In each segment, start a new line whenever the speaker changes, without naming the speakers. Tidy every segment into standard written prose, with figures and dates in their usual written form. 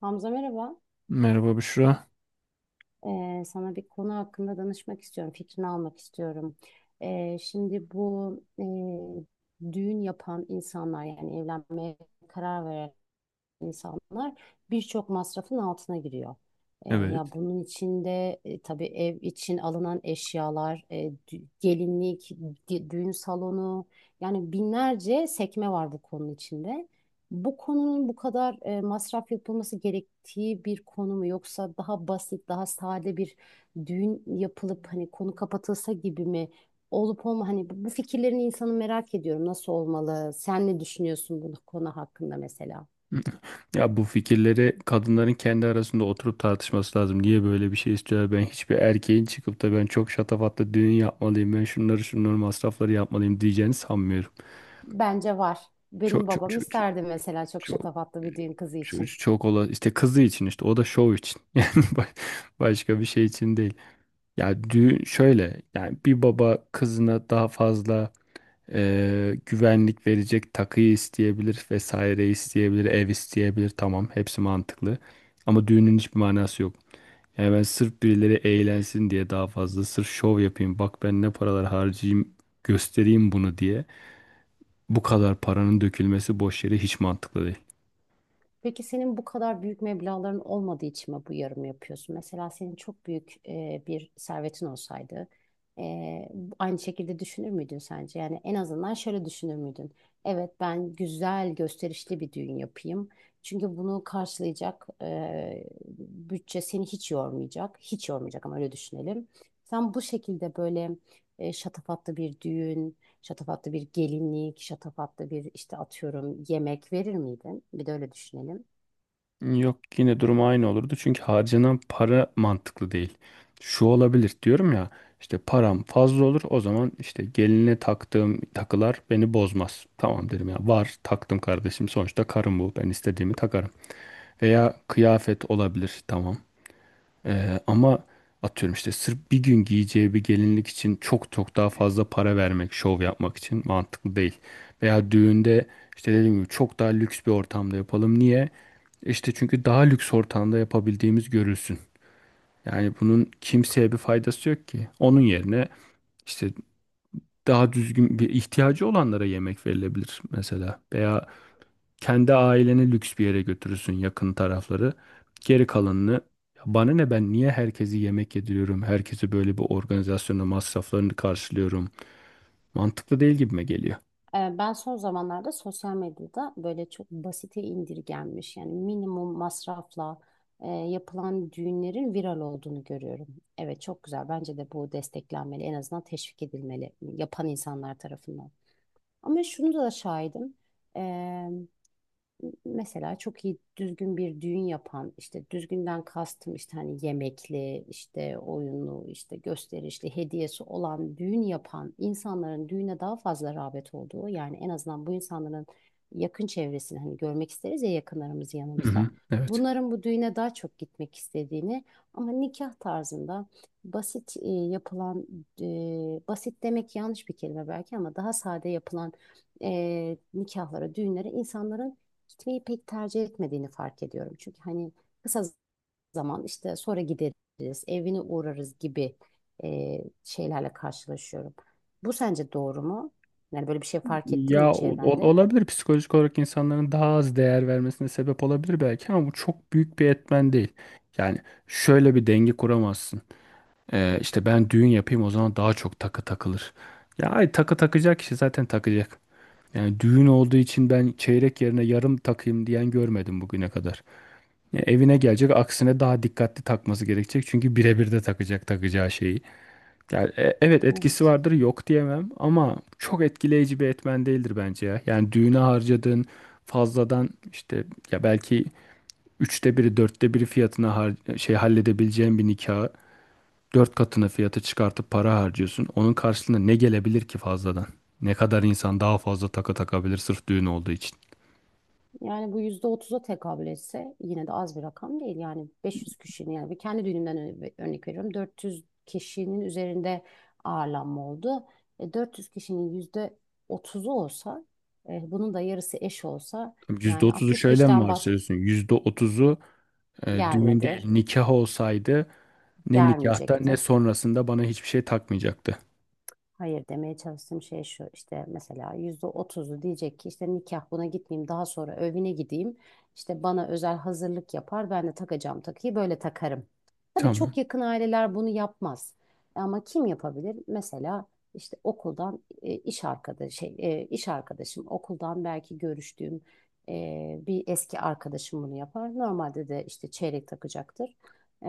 Hamza, merhaba.
Merhaba Büşra.
Sana bir konu hakkında danışmak istiyorum. Fikrini almak istiyorum. Şimdi bu düğün yapan insanlar, yani evlenmeye karar veren insanlar birçok masrafın altına giriyor.
Evet.
Ya bunun içinde tabii ev için alınan eşyalar, gelinlik, düğün salonu, yani binlerce sekme var bu konunun içinde. Bu konunun bu kadar masraf yapılması gerektiği bir konu mu, yoksa daha basit, daha sade bir düğün yapılıp hani konu kapatılsa gibi mi olup olma, hani bu fikirlerini insanı merak ediyorum, nasıl olmalı? Sen ne düşünüyorsun bu konu hakkında mesela?
Ya bu fikirleri kadınların kendi arasında oturup tartışması lazım. Niye böyle bir şey istiyor? Ben hiçbir erkeğin çıkıp da ben çok şatafatlı düğün yapmalıyım. Ben şunları masrafları yapmalıyım diyeceğini sanmıyorum.
Bence var. Benim
Çok çok
babam
çok çok
isterdi mesela, çok
çok
şatafatlı bir düğün kızı
çok,
için.
çok ola işte kızı için işte o da şov için. Yani başka bir şey için değil. Ya düğün şöyle yani bir baba kızına daha fazla güvenlik verecek takıyı isteyebilir vesaire isteyebilir ev isteyebilir, tamam hepsi mantıklı ama düğünün hiçbir manası yok. Yani ben sırf birileri eğlensin diye daha fazla sırf şov yapayım, bak ben ne paralar harcayayım göstereyim bunu diye bu kadar paranın dökülmesi boş yere hiç mantıklı değil.
Peki senin bu kadar büyük meblağların olmadığı için mi bu yarımı yapıyorsun? Mesela senin çok büyük bir servetin olsaydı, e, aynı şekilde düşünür müydün sence? Yani en azından şöyle düşünür müydün? Evet, ben güzel gösterişli bir düğün yapayım. Çünkü bunu karşılayacak bütçe seni hiç yormayacak. Hiç yormayacak, ama öyle düşünelim. Sen bu şekilde böyle şatafatlı bir düğün. Şatafatlı bir gelinlik, şatafatlı bir işte atıyorum yemek verir miydin? Bir de öyle düşünelim.
Yok, yine durum aynı olurdu. Çünkü harcanan para mantıklı değil. Şu olabilir diyorum ya, işte param fazla olur, o zaman işte geline taktığım takılar beni bozmaz. Tamam derim ya, var taktım kardeşim, sonuçta karım bu, ben istediğimi takarım. Veya kıyafet olabilir, tamam. Ama atıyorum işte sırf bir gün giyeceği bir gelinlik için çok çok daha fazla para vermek, şov yapmak için mantıklı değil. Veya düğünde işte dediğim gibi çok daha lüks bir ortamda yapalım. Niye? İşte çünkü daha lüks ortamda yapabildiğimiz görülsün. Yani bunun kimseye bir faydası yok ki. Onun yerine işte daha düzgün bir ihtiyacı olanlara yemek verilebilir mesela. Veya kendi aileni lüks bir yere götürürsün, yakın tarafları. Geri kalanını "Ya bana ne, ben niye herkesi yemek yediriyorum? Herkese böyle bir organizasyonda masraflarını karşılıyorum." Mantıklı değil gibime geliyor.
Ben son zamanlarda sosyal medyada böyle çok basite indirgenmiş, yani minimum masrafla yapılan düğünlerin viral olduğunu görüyorum. Evet, çok güzel, bence de bu desteklenmeli, en azından teşvik edilmeli yapan insanlar tarafından. Ama şunu da şahidim: mesela çok iyi düzgün bir düğün yapan, işte düzgünden kastım işte hani yemekli, işte oyunlu, işte gösterişli hediyesi olan düğün yapan insanların düğüne daha fazla rağbet olduğu, yani en azından bu insanların yakın çevresini, hani görmek isteriz ya yakınlarımız
Hı hı,
yanımızda.
evet.
Bunların bu düğüne daha çok gitmek istediğini, ama nikah tarzında basit yapılan, e, basit demek yanlış bir kelime belki, ama daha sade yapılan nikahlara, düğünlere insanların gitmeyi pek tercih etmediğini fark ediyorum. Çünkü hani kısa zaman, işte sonra gideriz, evine uğrarız gibi e, şeylerle karşılaşıyorum. Bu sence doğru mu? Yani böyle bir şey fark ettin mi
Ya
çevrende?
olabilir, psikolojik olarak insanların daha az değer vermesine sebep olabilir belki, ama bu çok büyük bir etmen değil. Yani şöyle bir denge kuramazsın. İşte ben düğün yapayım, o zaman daha çok takı takılır. Ya ay, takı takacak kişi zaten takacak. Yani düğün olduğu için ben çeyrek yerine yarım takayım diyen görmedim bugüne kadar. Ya evine gelecek, aksine daha dikkatli takması gerekecek çünkü birebir de takacak takacağı şeyi. Yani evet, etkisi
Evet.
vardır, yok diyemem, ama çok etkileyici bir etmen değildir bence ya. Yani düğüne harcadığın fazladan işte ya belki üçte biri dörtte biri fiyatına şey halledebileceğin bir nikahı dört katına fiyatı çıkartıp para harcıyorsun. Onun karşılığında ne gelebilir ki fazladan? Ne kadar insan daha fazla takı takabilir sırf düğün olduğu için?
Yani bu %30'a tekabül etse yine de az bir rakam değil. Yani 500 kişinin, yani bir kendi düğünümden örnek veriyorum. 400 kişinin üzerinde ağırlanma oldu. 400 kişinin %30'u olsa, bunun da yarısı eş olsa, yani
%30'u
60
şöyle mi
kişiden
varsayıyorsun? %30'u düğün değil
gelmedi.
nikah olsaydı ne nikahta ne
Gelmeyecekti.
sonrasında bana hiçbir şey takmayacaktı.
Hayır, demeye çalıştığım şey şu: işte mesela %30'u diyecek ki, işte nikah, buna gitmeyeyim, daha sonra evine gideyim, işte bana özel hazırlık yapar, ben de takacağım takıyı böyle takarım. Tabii
Tamam.
çok yakın aileler bunu yapmaz, ama kim yapabilir? Mesela işte okuldan iş arkadaşı şey, iş arkadaşım, okuldan belki görüştüğüm bir eski arkadaşım bunu yapar. Normalde de işte çeyrek takacaktır. E,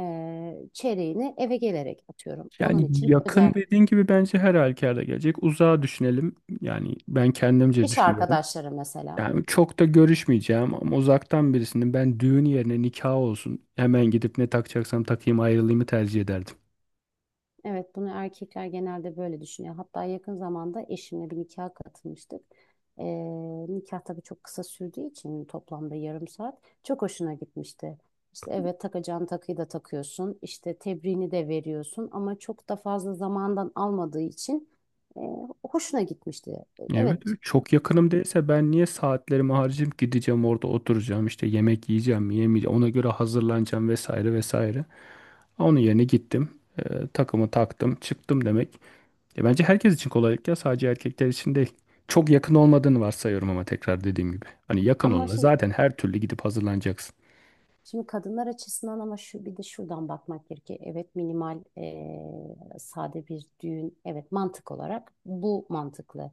Çeyreğini eve gelerek atıyorum. Onun
Yani
için özel.
yakın dediğin gibi bence her halükarda gelecek. Uzağa düşünelim. Yani ben kendimce
İş
düşünüyorum.
arkadaşları mesela.
Yani çok da görüşmeyeceğim ama uzaktan birisinin, ben düğün yerine nikah olsun, hemen gidip ne takacaksam takayım ayrılayımı tercih ederdim.
Evet, bunu erkekler genelde böyle düşünüyor. Hatta yakın zamanda eşimle bir nikaha katılmıştık. Ee, Nikah tabii çok kısa sürdüğü için, toplamda yarım saat, çok hoşuna gitmişti. İşte evet, takacağın takıyı da takıyorsun, İşte tebriğini de veriyorsun, ama çok da fazla zamandan almadığı için e, hoşuna gitmişti.
Evet,
Evet,
çok yakınım değilse ben niye saatlerimi harcayıp gideceğim, orada oturacağım, işte yemek yiyeceğim mi yemeyeceğim ona göre hazırlanacağım vesaire vesaire. Onun yerine gittim, takımı taktım çıktım demek. E bence herkes için kolaylık, ya sadece erkekler için değil. Çok yakın olmadığını varsayıyorum, ama tekrar dediğim gibi, hani yakın
ama
olana
şimdi
zaten her türlü gidip hazırlanacaksın.
Şimdi kadınlar açısından, ama şu bir de şuradan bakmak gerekiyor. Evet, minimal, sade bir düğün. Evet, mantık olarak bu mantıklı.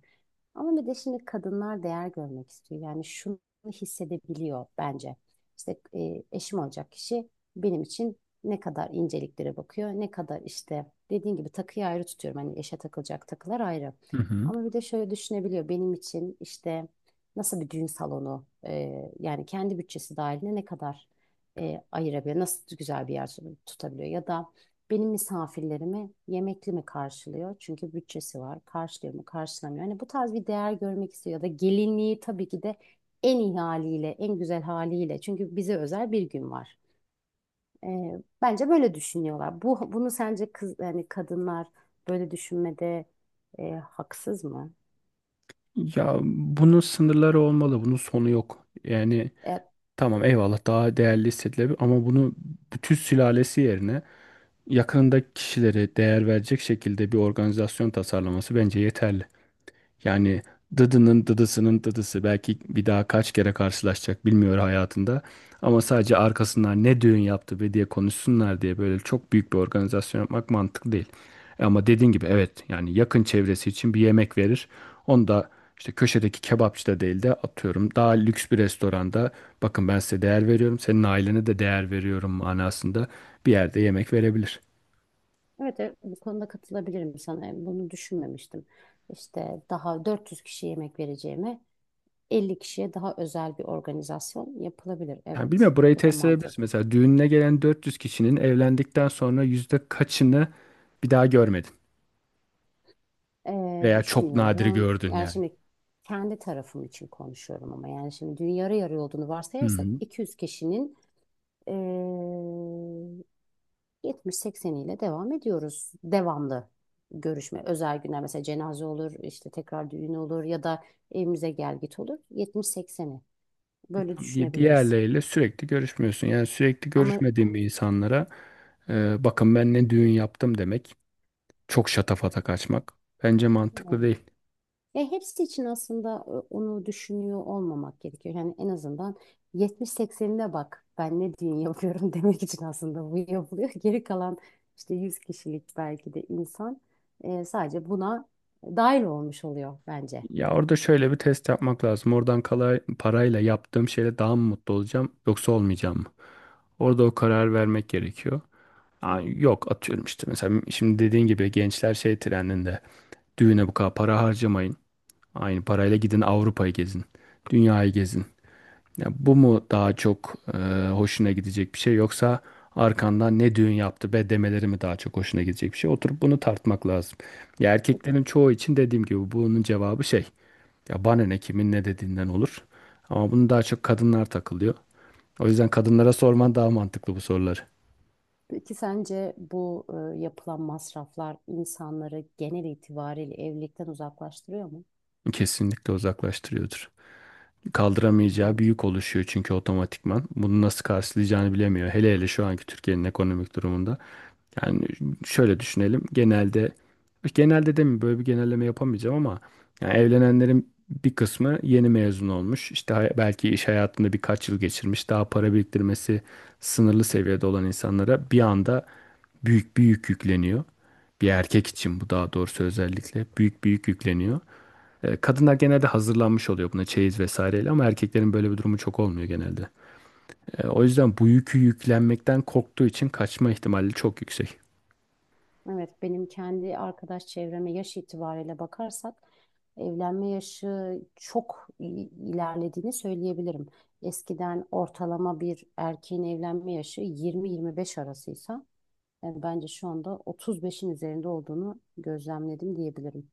Ama bir de şimdi kadınlar değer görmek istiyor. Yani şunu hissedebiliyor bence. İşte eşim olacak kişi benim için ne kadar inceliklere bakıyor, ne kadar, işte dediğin gibi, takıyı ayrı tutuyorum. Hani eşe takılacak takılar ayrı.
Hı hı.
Ama bir de şöyle düşünebiliyor: benim için işte nasıl bir düğün salonu, yani kendi bütçesi dahilinde ne kadar ayırabiliyor, nasıl güzel bir yer tutabiliyor, ya da benim misafirlerimi yemekli mi karşılıyor? Çünkü bütçesi var. Karşılıyor mu, karşılamıyor? Hani bu tarz bir değer görmek istiyor, ya da gelinliği tabii ki de en iyi haliyle, en güzel haliyle. Çünkü bize özel bir gün var. Bence böyle düşünüyorlar. Bunu sence kız, yani kadınlar böyle düşünmede haksız mı?
Ya bunun sınırları olmalı, bunun sonu yok. Yani
E,
tamam eyvallah, daha değerli hissedilebilir, ama bunu bütün sülalesi yerine yakınındaki kişilere değer verecek şekilde bir organizasyon tasarlaması bence yeterli. Yani dıdının dıdısının dıdısı belki bir daha kaç kere karşılaşacak bilmiyor hayatında. Ama sadece arkasından ne düğün yaptı be diye konuşsunlar diye böyle çok büyük bir organizasyon yapmak mantıklı değil. Ama dediğin gibi, evet yani yakın çevresi için bir yemek verir. Onu da işte köşedeki kebapçıda değil de atıyorum daha lüks bir restoranda, bakın ben size değer veriyorum, senin ailene de değer veriyorum manasında bir yerde yemek verebilir.
evet, evet, bu konuda katılabilirim sana. Bunu düşünmemiştim. İşte daha 400 kişiye yemek vereceğime, 50 kişiye daha özel bir organizasyon yapılabilir.
Yani
Evet,
bilmiyorum, burayı
bu da
test edebiliriz.
mantıklı.
Mesela düğününe gelen 400 kişinin evlendikten sonra yüzde kaçını bir daha görmedin veya çok nadir
Düşünüyorum.
gördün
Yani
yani.
şimdi kendi tarafım için konuşuyorum, ama yani şimdi dün yarı yarı olduğunu
Hı
varsayarsak,
hı.
200 kişinin ee, 70-80'iyle devam ediyoruz. Devamlı görüşme, özel günler, mesela cenaze olur, işte tekrar düğün olur, ya da evimize gel git olur. 70-80'i böyle düşünebiliriz.
Diğerleriyle sürekli görüşmüyorsun. Yani sürekli
Ama
görüşmediğin bir insanlara, bakın ben ne düğün yaptım demek, çok şatafata kaçmak bence mantıklı değil.
ya hepsi için aslında, onu düşünüyor olmamak gerekiyor. Yani en azından 70-80'ine bak ben ne düğün yapıyorum demek için aslında bu yapılıyor. Geri kalan işte 100 kişilik belki de insan, sadece buna dahil olmuş oluyor bence.
Ya orada şöyle bir test yapmak lazım. Oradan kalay, parayla yaptığım şeyle daha mı mutlu olacağım yoksa olmayacağım mı? Orada o karar vermek gerekiyor. Aa,
Yani
yok atıyorum işte mesela şimdi dediğin gibi gençler şey trendinde, düğüne bu kadar para harcamayın. Aynı parayla gidin Avrupa'yı gezin. Dünyayı gezin. Ya bu mu daha çok hoşuna gidecek bir şey, yoksa arkandan ne düğün yaptı be demeleri mi daha çok hoşuna gidecek bir şey? Oturup bunu tartmak lazım. Ya erkeklerin çoğu için dediğim gibi bunun cevabı şey. Ya bana ne kimin ne dediğinden olur. Ama bunu daha çok kadınlar takılıyor. O yüzden kadınlara sorman daha mantıklı bu soruları.
Peki sence bu yapılan masraflar insanları genel itibariyle evlilikten uzaklaştırıyor mu?
Kesinlikle uzaklaştırıyordur. Kaldıramayacağı bir
Bence.
yük oluşuyor çünkü otomatikman. Bunu nasıl karşılayacağını bilemiyor. Hele hele şu anki Türkiye'nin ekonomik durumunda. Yani şöyle düşünelim. Genelde genelde de mi böyle bir genelleme yapamayacağım ama yani evlenenlerin bir kısmı yeni mezun olmuş. İşte belki iş hayatında birkaç yıl geçirmiş. Daha para biriktirmesi sınırlı seviyede olan insanlara bir anda büyük bir yük yükleniyor. Bir erkek için bu daha doğrusu özellikle büyük bir yük yükleniyor. Kadınlar genelde hazırlanmış oluyor buna çeyiz vesaireyle, ama erkeklerin böyle bir durumu çok olmuyor genelde. O yüzden bu yükü yüklenmekten korktuğu için kaçma ihtimali çok yüksek.
Evet, benim kendi arkadaş çevreme yaş itibariyle bakarsak, evlenme yaşı çok ilerlediğini söyleyebilirim. Eskiden ortalama bir erkeğin evlenme yaşı 20-25 arasıysa, yani bence şu anda 35'in üzerinde olduğunu gözlemledim diyebilirim.